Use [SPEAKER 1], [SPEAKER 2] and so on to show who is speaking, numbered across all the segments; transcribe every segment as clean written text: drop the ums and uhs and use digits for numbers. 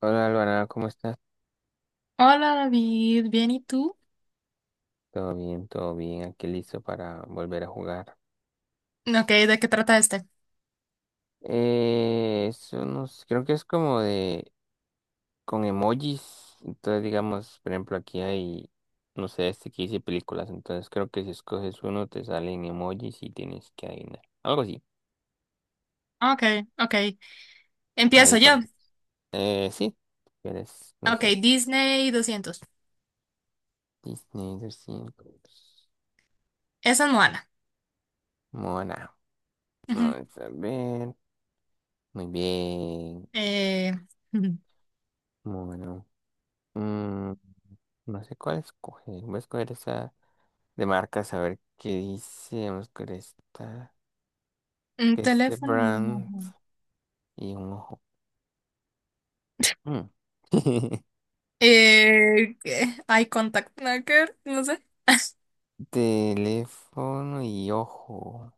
[SPEAKER 1] Hola Alvarado, ¿cómo estás?
[SPEAKER 2] Hola David, ¿bien y tú?
[SPEAKER 1] Todo bien, aquí listo para volver a jugar.
[SPEAKER 2] Ok, ¿de qué trata este?
[SPEAKER 1] Es unos, creo que es como de, con emojis, entonces digamos, por ejemplo, aquí hay, no sé, este que dice películas, entonces creo que si escoges uno te salen emojis y tienes que adivinar, algo así,
[SPEAKER 2] Ok, ok.
[SPEAKER 1] ahí
[SPEAKER 2] Empiezo yo.
[SPEAKER 1] vamos. Sí, quieres, no
[SPEAKER 2] Ok,
[SPEAKER 1] sé,
[SPEAKER 2] Disney 200.
[SPEAKER 1] Disney 200,
[SPEAKER 2] Esa es Moana.
[SPEAKER 1] Moana,
[SPEAKER 2] Ujú.
[SPEAKER 1] vamos a ver, muy bien,
[SPEAKER 2] Eh, ujú.
[SPEAKER 1] Moana. No sé cuál escoger. Voy a escoger esa de marcas, a ver qué dice. Vamos a escoger esta,
[SPEAKER 2] Un
[SPEAKER 1] que es de
[SPEAKER 2] teléfono y no.
[SPEAKER 1] brand y un ojo. Mm.
[SPEAKER 2] ¿Qué? Eye contact, nada que ver, no sé.
[SPEAKER 1] Teléfono y ojo.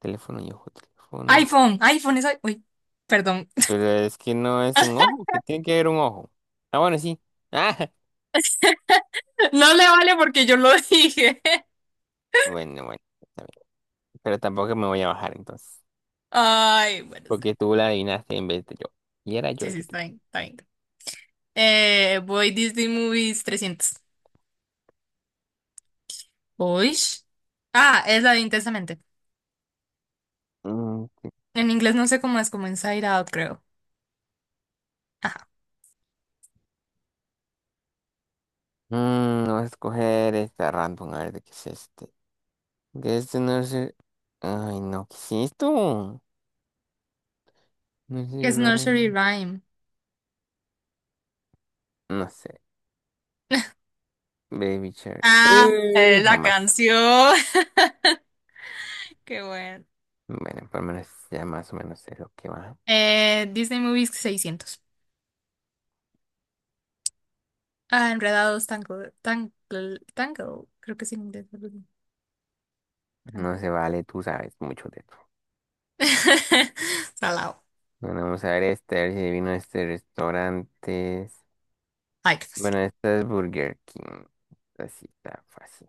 [SPEAKER 1] Teléfono y ojo, teléfono.
[SPEAKER 2] iPhone, iPhone es. Uy, perdón.
[SPEAKER 1] Pero es que no es un ojo, que tiene que haber un ojo. Ah, bueno, sí.
[SPEAKER 2] No le vale porque yo lo dije.
[SPEAKER 1] Ah, bueno, bueno, está bien. Pero tampoco me voy a bajar entonces.
[SPEAKER 2] Ay, bueno, está
[SPEAKER 1] Porque
[SPEAKER 2] bien.
[SPEAKER 1] tú la adivinaste en vez de yo. Y era yo
[SPEAKER 2] Sí,
[SPEAKER 1] el
[SPEAKER 2] sí,
[SPEAKER 1] que te.
[SPEAKER 2] está bien, está bien. Voy Disney Movies 300. Uy. Ah, es la de Intensamente.
[SPEAKER 1] Mm,
[SPEAKER 2] En inglés no sé cómo es, como Inside Out, creo. Ajá.
[SPEAKER 1] voy a escoger esta random, a ver de qué es este. Que este no sé. Ay, no, ¿qué es esto? No sé,
[SPEAKER 2] Es Nursery
[SPEAKER 1] Ryan.
[SPEAKER 2] Rhyme.
[SPEAKER 1] No sé. Baby Shark.
[SPEAKER 2] Ah,
[SPEAKER 1] Uy,
[SPEAKER 2] la
[SPEAKER 1] jamás.
[SPEAKER 2] canción. Qué bueno.
[SPEAKER 1] Bueno, por lo menos ya más o menos sé lo que va.
[SPEAKER 2] Disney Movies 600. Ah, Enredados, Tangle, Tangle, Tangle. Creo que es en inglés, algo así.
[SPEAKER 1] No
[SPEAKER 2] Tangle.
[SPEAKER 1] se vale, tú sabes mucho de esto.
[SPEAKER 2] Salado.
[SPEAKER 1] Bueno, vamos a ver este, a ver si adivino este restaurante.
[SPEAKER 2] Ay, qué
[SPEAKER 1] Bueno,
[SPEAKER 2] fácil.
[SPEAKER 1] esta es Burger King. Esta sí está fácil.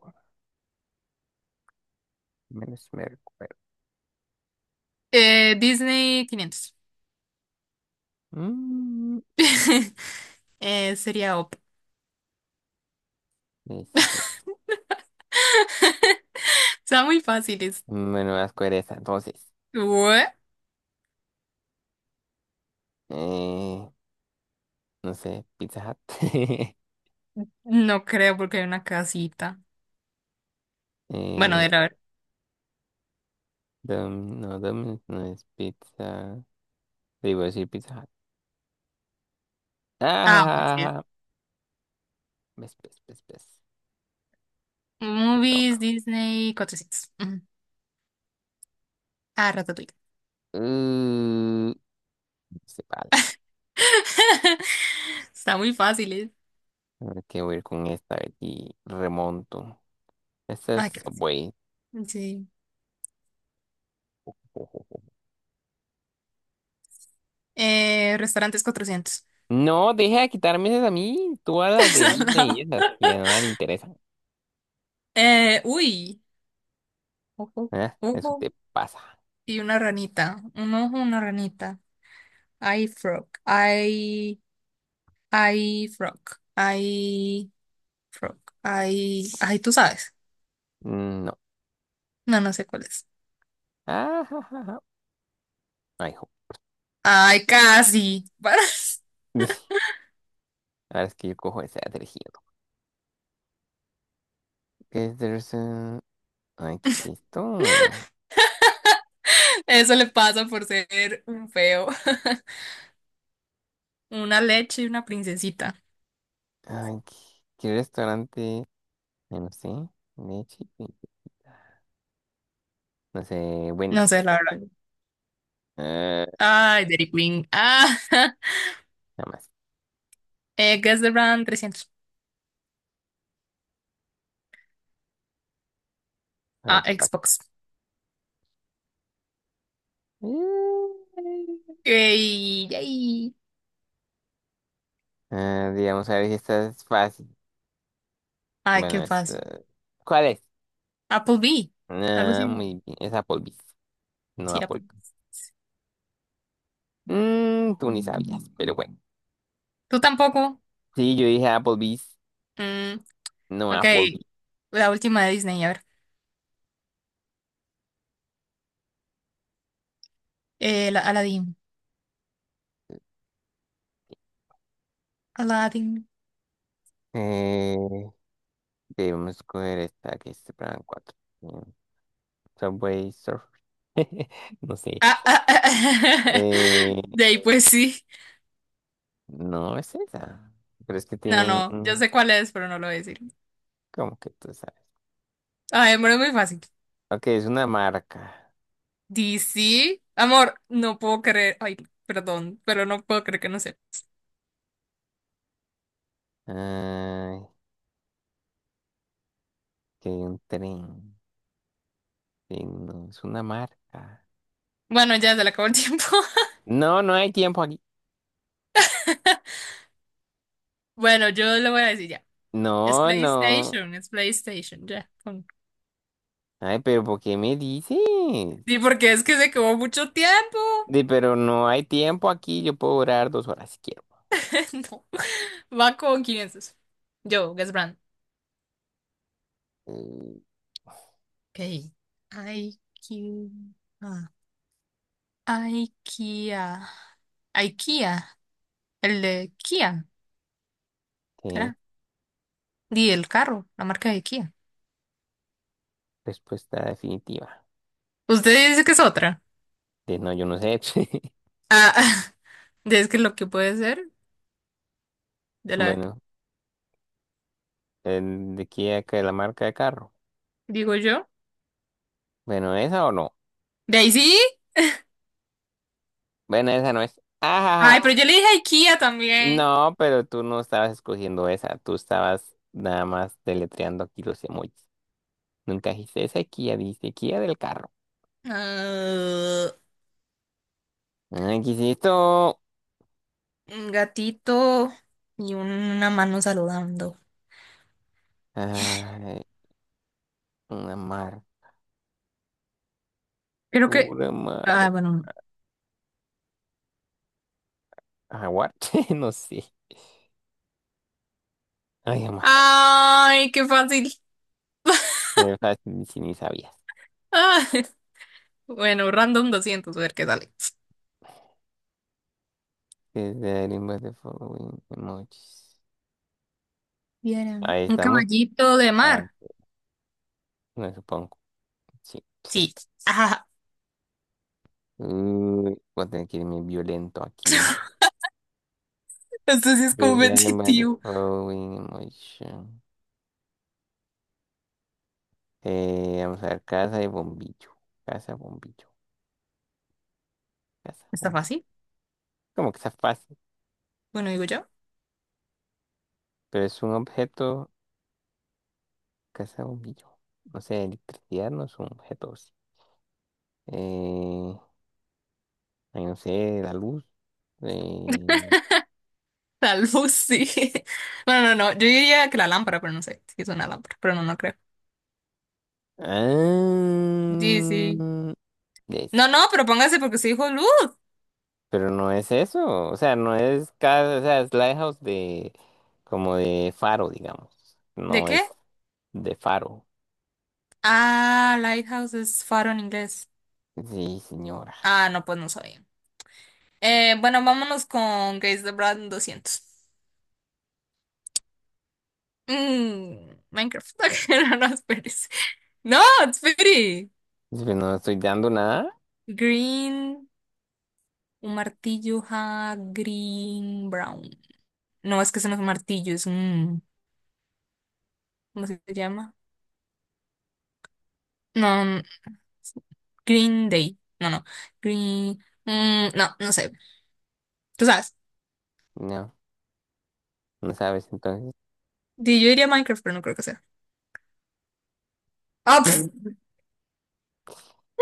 [SPEAKER 1] Menos me recuerdo.
[SPEAKER 2] Disney 500.
[SPEAKER 1] Mm,
[SPEAKER 2] Sería OP.
[SPEAKER 1] y sí.
[SPEAKER 2] Está muy fácil.
[SPEAKER 1] Bueno, vas a escoger esta, entonces.
[SPEAKER 2] ¿What?
[SPEAKER 1] Eh, no sé, Pizza Hut.
[SPEAKER 2] No creo porque hay una casita. Bueno,
[SPEAKER 1] Eh,
[SPEAKER 2] de la ver.
[SPEAKER 1] No, Domino's no es pizza. Digo, decir pizza. Hut.
[SPEAKER 2] Ah, ok, sí.
[SPEAKER 1] Ah, ves, ves, ves, ves. Me
[SPEAKER 2] Movies,
[SPEAKER 1] toca.
[SPEAKER 2] Disney, cotecitos. Ujú. Ah, Ratatouille.
[SPEAKER 1] Uh, se vale.
[SPEAKER 2] Está muy fácil, ¿eh?
[SPEAKER 1] A ver qué voy a ir con esta. A ver si remonto. Esta es
[SPEAKER 2] Ay, qué
[SPEAKER 1] Subway.
[SPEAKER 2] fácil. Sí.
[SPEAKER 1] Ojo.
[SPEAKER 2] Restaurantes 400.
[SPEAKER 1] No, deja de quitarme esas a mí. Tú a las de
[SPEAKER 2] Al
[SPEAKER 1] Disney
[SPEAKER 2] lado.
[SPEAKER 1] y esas que a nadie le interesan.
[SPEAKER 2] Uy. Ojo.
[SPEAKER 1] Ah, eso
[SPEAKER 2] Ojo.
[SPEAKER 1] te pasa.
[SPEAKER 2] Y una ranita. Un ojo, una ranita. Hay frog. Hay. Hay frog. Hay frog. Hay. Ay, tú sabes.
[SPEAKER 1] Mm, no.
[SPEAKER 2] No, no sé cuál es.
[SPEAKER 1] Ah, ja, ja, ja. Ay, jo.
[SPEAKER 2] Ay, casi.
[SPEAKER 1] Ahora es que yo cojo esa de tejido. ¿Qué es eso? Ay, ¿qué es esto?
[SPEAKER 2] Eso le pasa por ser un feo. Una leche y una princesita.
[SPEAKER 1] Ay, ¿qué restaurante? Ay, no sé. de Chipi- No sé,
[SPEAKER 2] No sé,
[SPEAKER 1] Wendy's.
[SPEAKER 2] la verdad.
[SPEAKER 1] Ah,
[SPEAKER 2] Ay, Dairy Queen. Ah,
[SPEAKER 1] nada más.
[SPEAKER 2] Guess the Brand 300.
[SPEAKER 1] Ay,
[SPEAKER 2] Ah,
[SPEAKER 1] qué fácil.
[SPEAKER 2] Xbox. Ey, yay.
[SPEAKER 1] Ah, digamos, a ver si esta es fácil.
[SPEAKER 2] Ay,
[SPEAKER 1] Bueno,
[SPEAKER 2] qué
[SPEAKER 1] esta...
[SPEAKER 2] fácil.
[SPEAKER 1] ¿Cuál es?
[SPEAKER 2] Applebee. Algo
[SPEAKER 1] Ah,
[SPEAKER 2] así.
[SPEAKER 1] muy bien. Es Applebee's. No
[SPEAKER 2] Sí, Applebee.
[SPEAKER 1] Applebee's. Mm, tú ni sabías, pero bueno.
[SPEAKER 2] ¿Tú tampoco?
[SPEAKER 1] Sí, yo dije Applebee's,
[SPEAKER 2] Mm,
[SPEAKER 1] no
[SPEAKER 2] ok.
[SPEAKER 1] Applebee's.
[SPEAKER 2] La última de Disney, a ver. La Aladdin. Aladdin.
[SPEAKER 1] Eh, debemos coger esta que es Plan 4 eh, Subway Surfer. No sé.
[SPEAKER 2] Ah, ah, ah.
[SPEAKER 1] Eh,
[SPEAKER 2] De ahí, pues sí.
[SPEAKER 1] No es esa. Pero es que
[SPEAKER 2] No,
[SPEAKER 1] tiene
[SPEAKER 2] no. Yo sé cuál es, pero no lo voy a decir.
[SPEAKER 1] ¿Cómo que tú sabes?
[SPEAKER 2] Ay, pero es muy fácil.
[SPEAKER 1] Ok, es una marca.
[SPEAKER 2] DC. Amor, no puedo creer. Ay, perdón, pero no puedo creer que no sé.
[SPEAKER 1] Ay, que hay un tren. Sí, no, es una marca.
[SPEAKER 2] Bueno, ya se le acabó el tiempo.
[SPEAKER 1] No, no hay tiempo aquí.
[SPEAKER 2] Bueno, yo le voy a decir ya.
[SPEAKER 1] No, no.
[SPEAKER 2] Es PlayStation, ya, pon.
[SPEAKER 1] Ay, pero ¿por qué me dices?
[SPEAKER 2] Sí, porque es que se quedó mucho tiempo.
[SPEAKER 1] Di, pero no hay tiempo aquí. Yo puedo durar dos horas si quiero.
[SPEAKER 2] No. Va con quién es eso. Yo, Guess Brand.
[SPEAKER 1] Mm,
[SPEAKER 2] Ok. IQ. Ah, IKEA. IKEA. El de Kia.
[SPEAKER 1] ¿qué?
[SPEAKER 2] ¿Será? Y el carro, la marca de Kia.
[SPEAKER 1] Respuesta definitiva.
[SPEAKER 2] Usted dice que es otra.
[SPEAKER 1] De no, yo no sé.
[SPEAKER 2] Ah, es que lo que puede ser, de la,
[SPEAKER 1] Bueno, el de aquí acá, la marca de carro.
[SPEAKER 2] digo yo.
[SPEAKER 1] Bueno, ¿esa o no?
[SPEAKER 2] Daisy.
[SPEAKER 1] Bueno, esa no es.
[SPEAKER 2] Ay,
[SPEAKER 1] Ajá.
[SPEAKER 2] pero yo le dije IKEA también.
[SPEAKER 1] No, pero tú no estabas escogiendo esa, tú estabas nada más deletreando aquí los emojis. Nunca dijiste esa Kia, dijiste Kia del carro.
[SPEAKER 2] Ah,
[SPEAKER 1] Ay, ¿qué es esto?
[SPEAKER 2] un gatito y una mano saludando.
[SPEAKER 1] Ay, una mar,
[SPEAKER 2] Creo que.
[SPEAKER 1] una mar.
[SPEAKER 2] Ah, bueno, no.
[SPEAKER 1] Jaguar, no sé. Ay, más.
[SPEAKER 2] Ay, qué fácil.
[SPEAKER 1] Qué fácil, si ni sabías.
[SPEAKER 2] Ah, bueno, random 200, a ver qué sale.
[SPEAKER 1] Is there any way to following emojis?
[SPEAKER 2] Vieran.
[SPEAKER 1] Ahí
[SPEAKER 2] Un
[SPEAKER 1] está muy
[SPEAKER 2] caballito de
[SPEAKER 1] fácil,
[SPEAKER 2] mar.
[SPEAKER 1] me supongo. Sí, sí.
[SPEAKER 2] Sí. Ajá.
[SPEAKER 1] Uy, voy a tener que irme violento aquí.
[SPEAKER 2] Esto sí es
[SPEAKER 1] Is there any way to
[SPEAKER 2] competitivo.
[SPEAKER 1] following emojis? Vamos a ver, casa de bombillo. Casa, bombillo. Casa,
[SPEAKER 2] ¿Está
[SPEAKER 1] bombillo.
[SPEAKER 2] fácil?
[SPEAKER 1] Como que está fácil,
[SPEAKER 2] Bueno, digo yo.
[SPEAKER 1] pero es un objeto. Casa, bombillo. No sé, electricidad no es un objeto. ¿O sí. Eh, ay, no sé, la luz. eh,
[SPEAKER 2] Tal vez sí. No, no, no. Yo diría que la lámpara, pero no sé si es una lámpara, pero no, no creo. Sí, sí.
[SPEAKER 1] ah, es-
[SPEAKER 2] No, no, pero póngase porque se dijo luz.
[SPEAKER 1] pero no es eso. O sea, no es casa. O sea, es lighthouse de. Como de faro, digamos.
[SPEAKER 2] ¿De
[SPEAKER 1] No
[SPEAKER 2] qué?
[SPEAKER 1] es de faro.
[SPEAKER 2] Ah, lighthouse es faro en inglés.
[SPEAKER 1] Sí, señora.
[SPEAKER 2] Ah, no, pues no sabía. Bueno, vámonos con Gaze the Brand 200. Mm, Minecraft. No, no, espérese. No, espere.
[SPEAKER 1] Si no estoy dando nada.
[SPEAKER 2] Green, un martillo, ja, green, brown. No, es que eso no es un martillo, es un... ¿Cómo se llama? No. Green Day. No, no. Green. Mm, no, no sé. Tú sabes.
[SPEAKER 1] no No sabes, entonces,
[SPEAKER 2] Yo diría Minecraft, pero no creo que sea. ¡Ah! ¡Pf!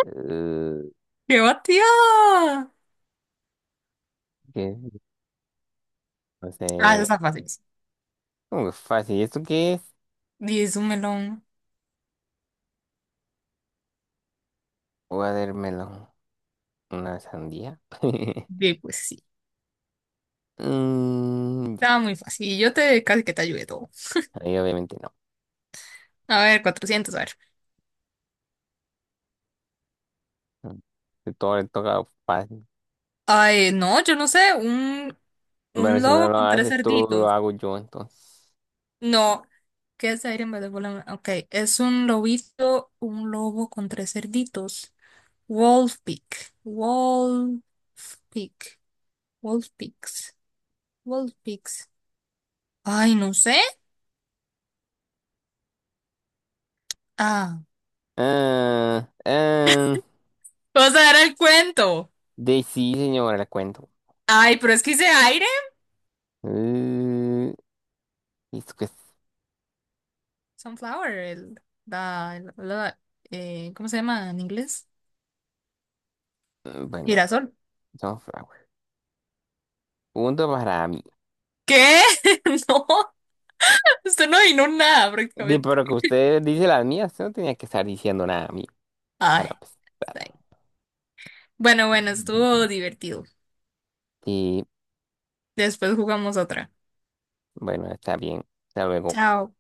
[SPEAKER 1] eh,
[SPEAKER 2] ¡Qué batida!
[SPEAKER 1] ¿qué? No sé.
[SPEAKER 2] Ah, eso está fácil.
[SPEAKER 1] Fácil. ¿Esto qué es?
[SPEAKER 2] Di, es un melón.
[SPEAKER 1] Voy a ver ¿una sandía?
[SPEAKER 2] Di, pues sí.
[SPEAKER 1] Mm,
[SPEAKER 2] Estaba
[SPEAKER 1] ya.
[SPEAKER 2] muy fácil. Y yo te casi que te ayudé todo.
[SPEAKER 1] Ahí obviamente no.
[SPEAKER 2] A ver, 400, a ver.
[SPEAKER 1] Mm. De todo le toca fácil.
[SPEAKER 2] Ay, no, yo no sé. Un,
[SPEAKER 1] Bueno,
[SPEAKER 2] un
[SPEAKER 1] si no
[SPEAKER 2] lobo
[SPEAKER 1] lo
[SPEAKER 2] con tres
[SPEAKER 1] haces tú, lo
[SPEAKER 2] cerditos.
[SPEAKER 1] hago yo entonces.
[SPEAKER 2] No. ¿Qué es Iron Man? Ok, es un lobito, un lobo con tres cerditos. Wolfpick. Wolfpick. Wolfpix. Wolfpix. Ay, no sé. Ah.
[SPEAKER 1] Ah, ah,
[SPEAKER 2] Vamos a dar el cuento.
[SPEAKER 1] de sí, señora, le cuento.
[SPEAKER 2] Ay, pero es que hice aire.
[SPEAKER 1] Eh, ¿Esto qué es?
[SPEAKER 2] Sunflower. El, la- la- ¿cómo se llama en inglés?
[SPEAKER 1] Mm, bueno,
[SPEAKER 2] Girasol.
[SPEAKER 1] sunflower. Punto para mí.
[SPEAKER 2] ¿Qué? No, usted no adivinó nada
[SPEAKER 1] Sí,
[SPEAKER 2] prácticamente.
[SPEAKER 1] pero que usted dice las mías, no tenía que estar diciendo nada a mí para
[SPEAKER 2] Ay, está
[SPEAKER 1] empezar.
[SPEAKER 2] bien. Bueno, bueno, estuvo divertido.
[SPEAKER 1] Y
[SPEAKER 2] Después jugamos otra.
[SPEAKER 1] bueno, está bien. Hasta luego.
[SPEAKER 2] Chao.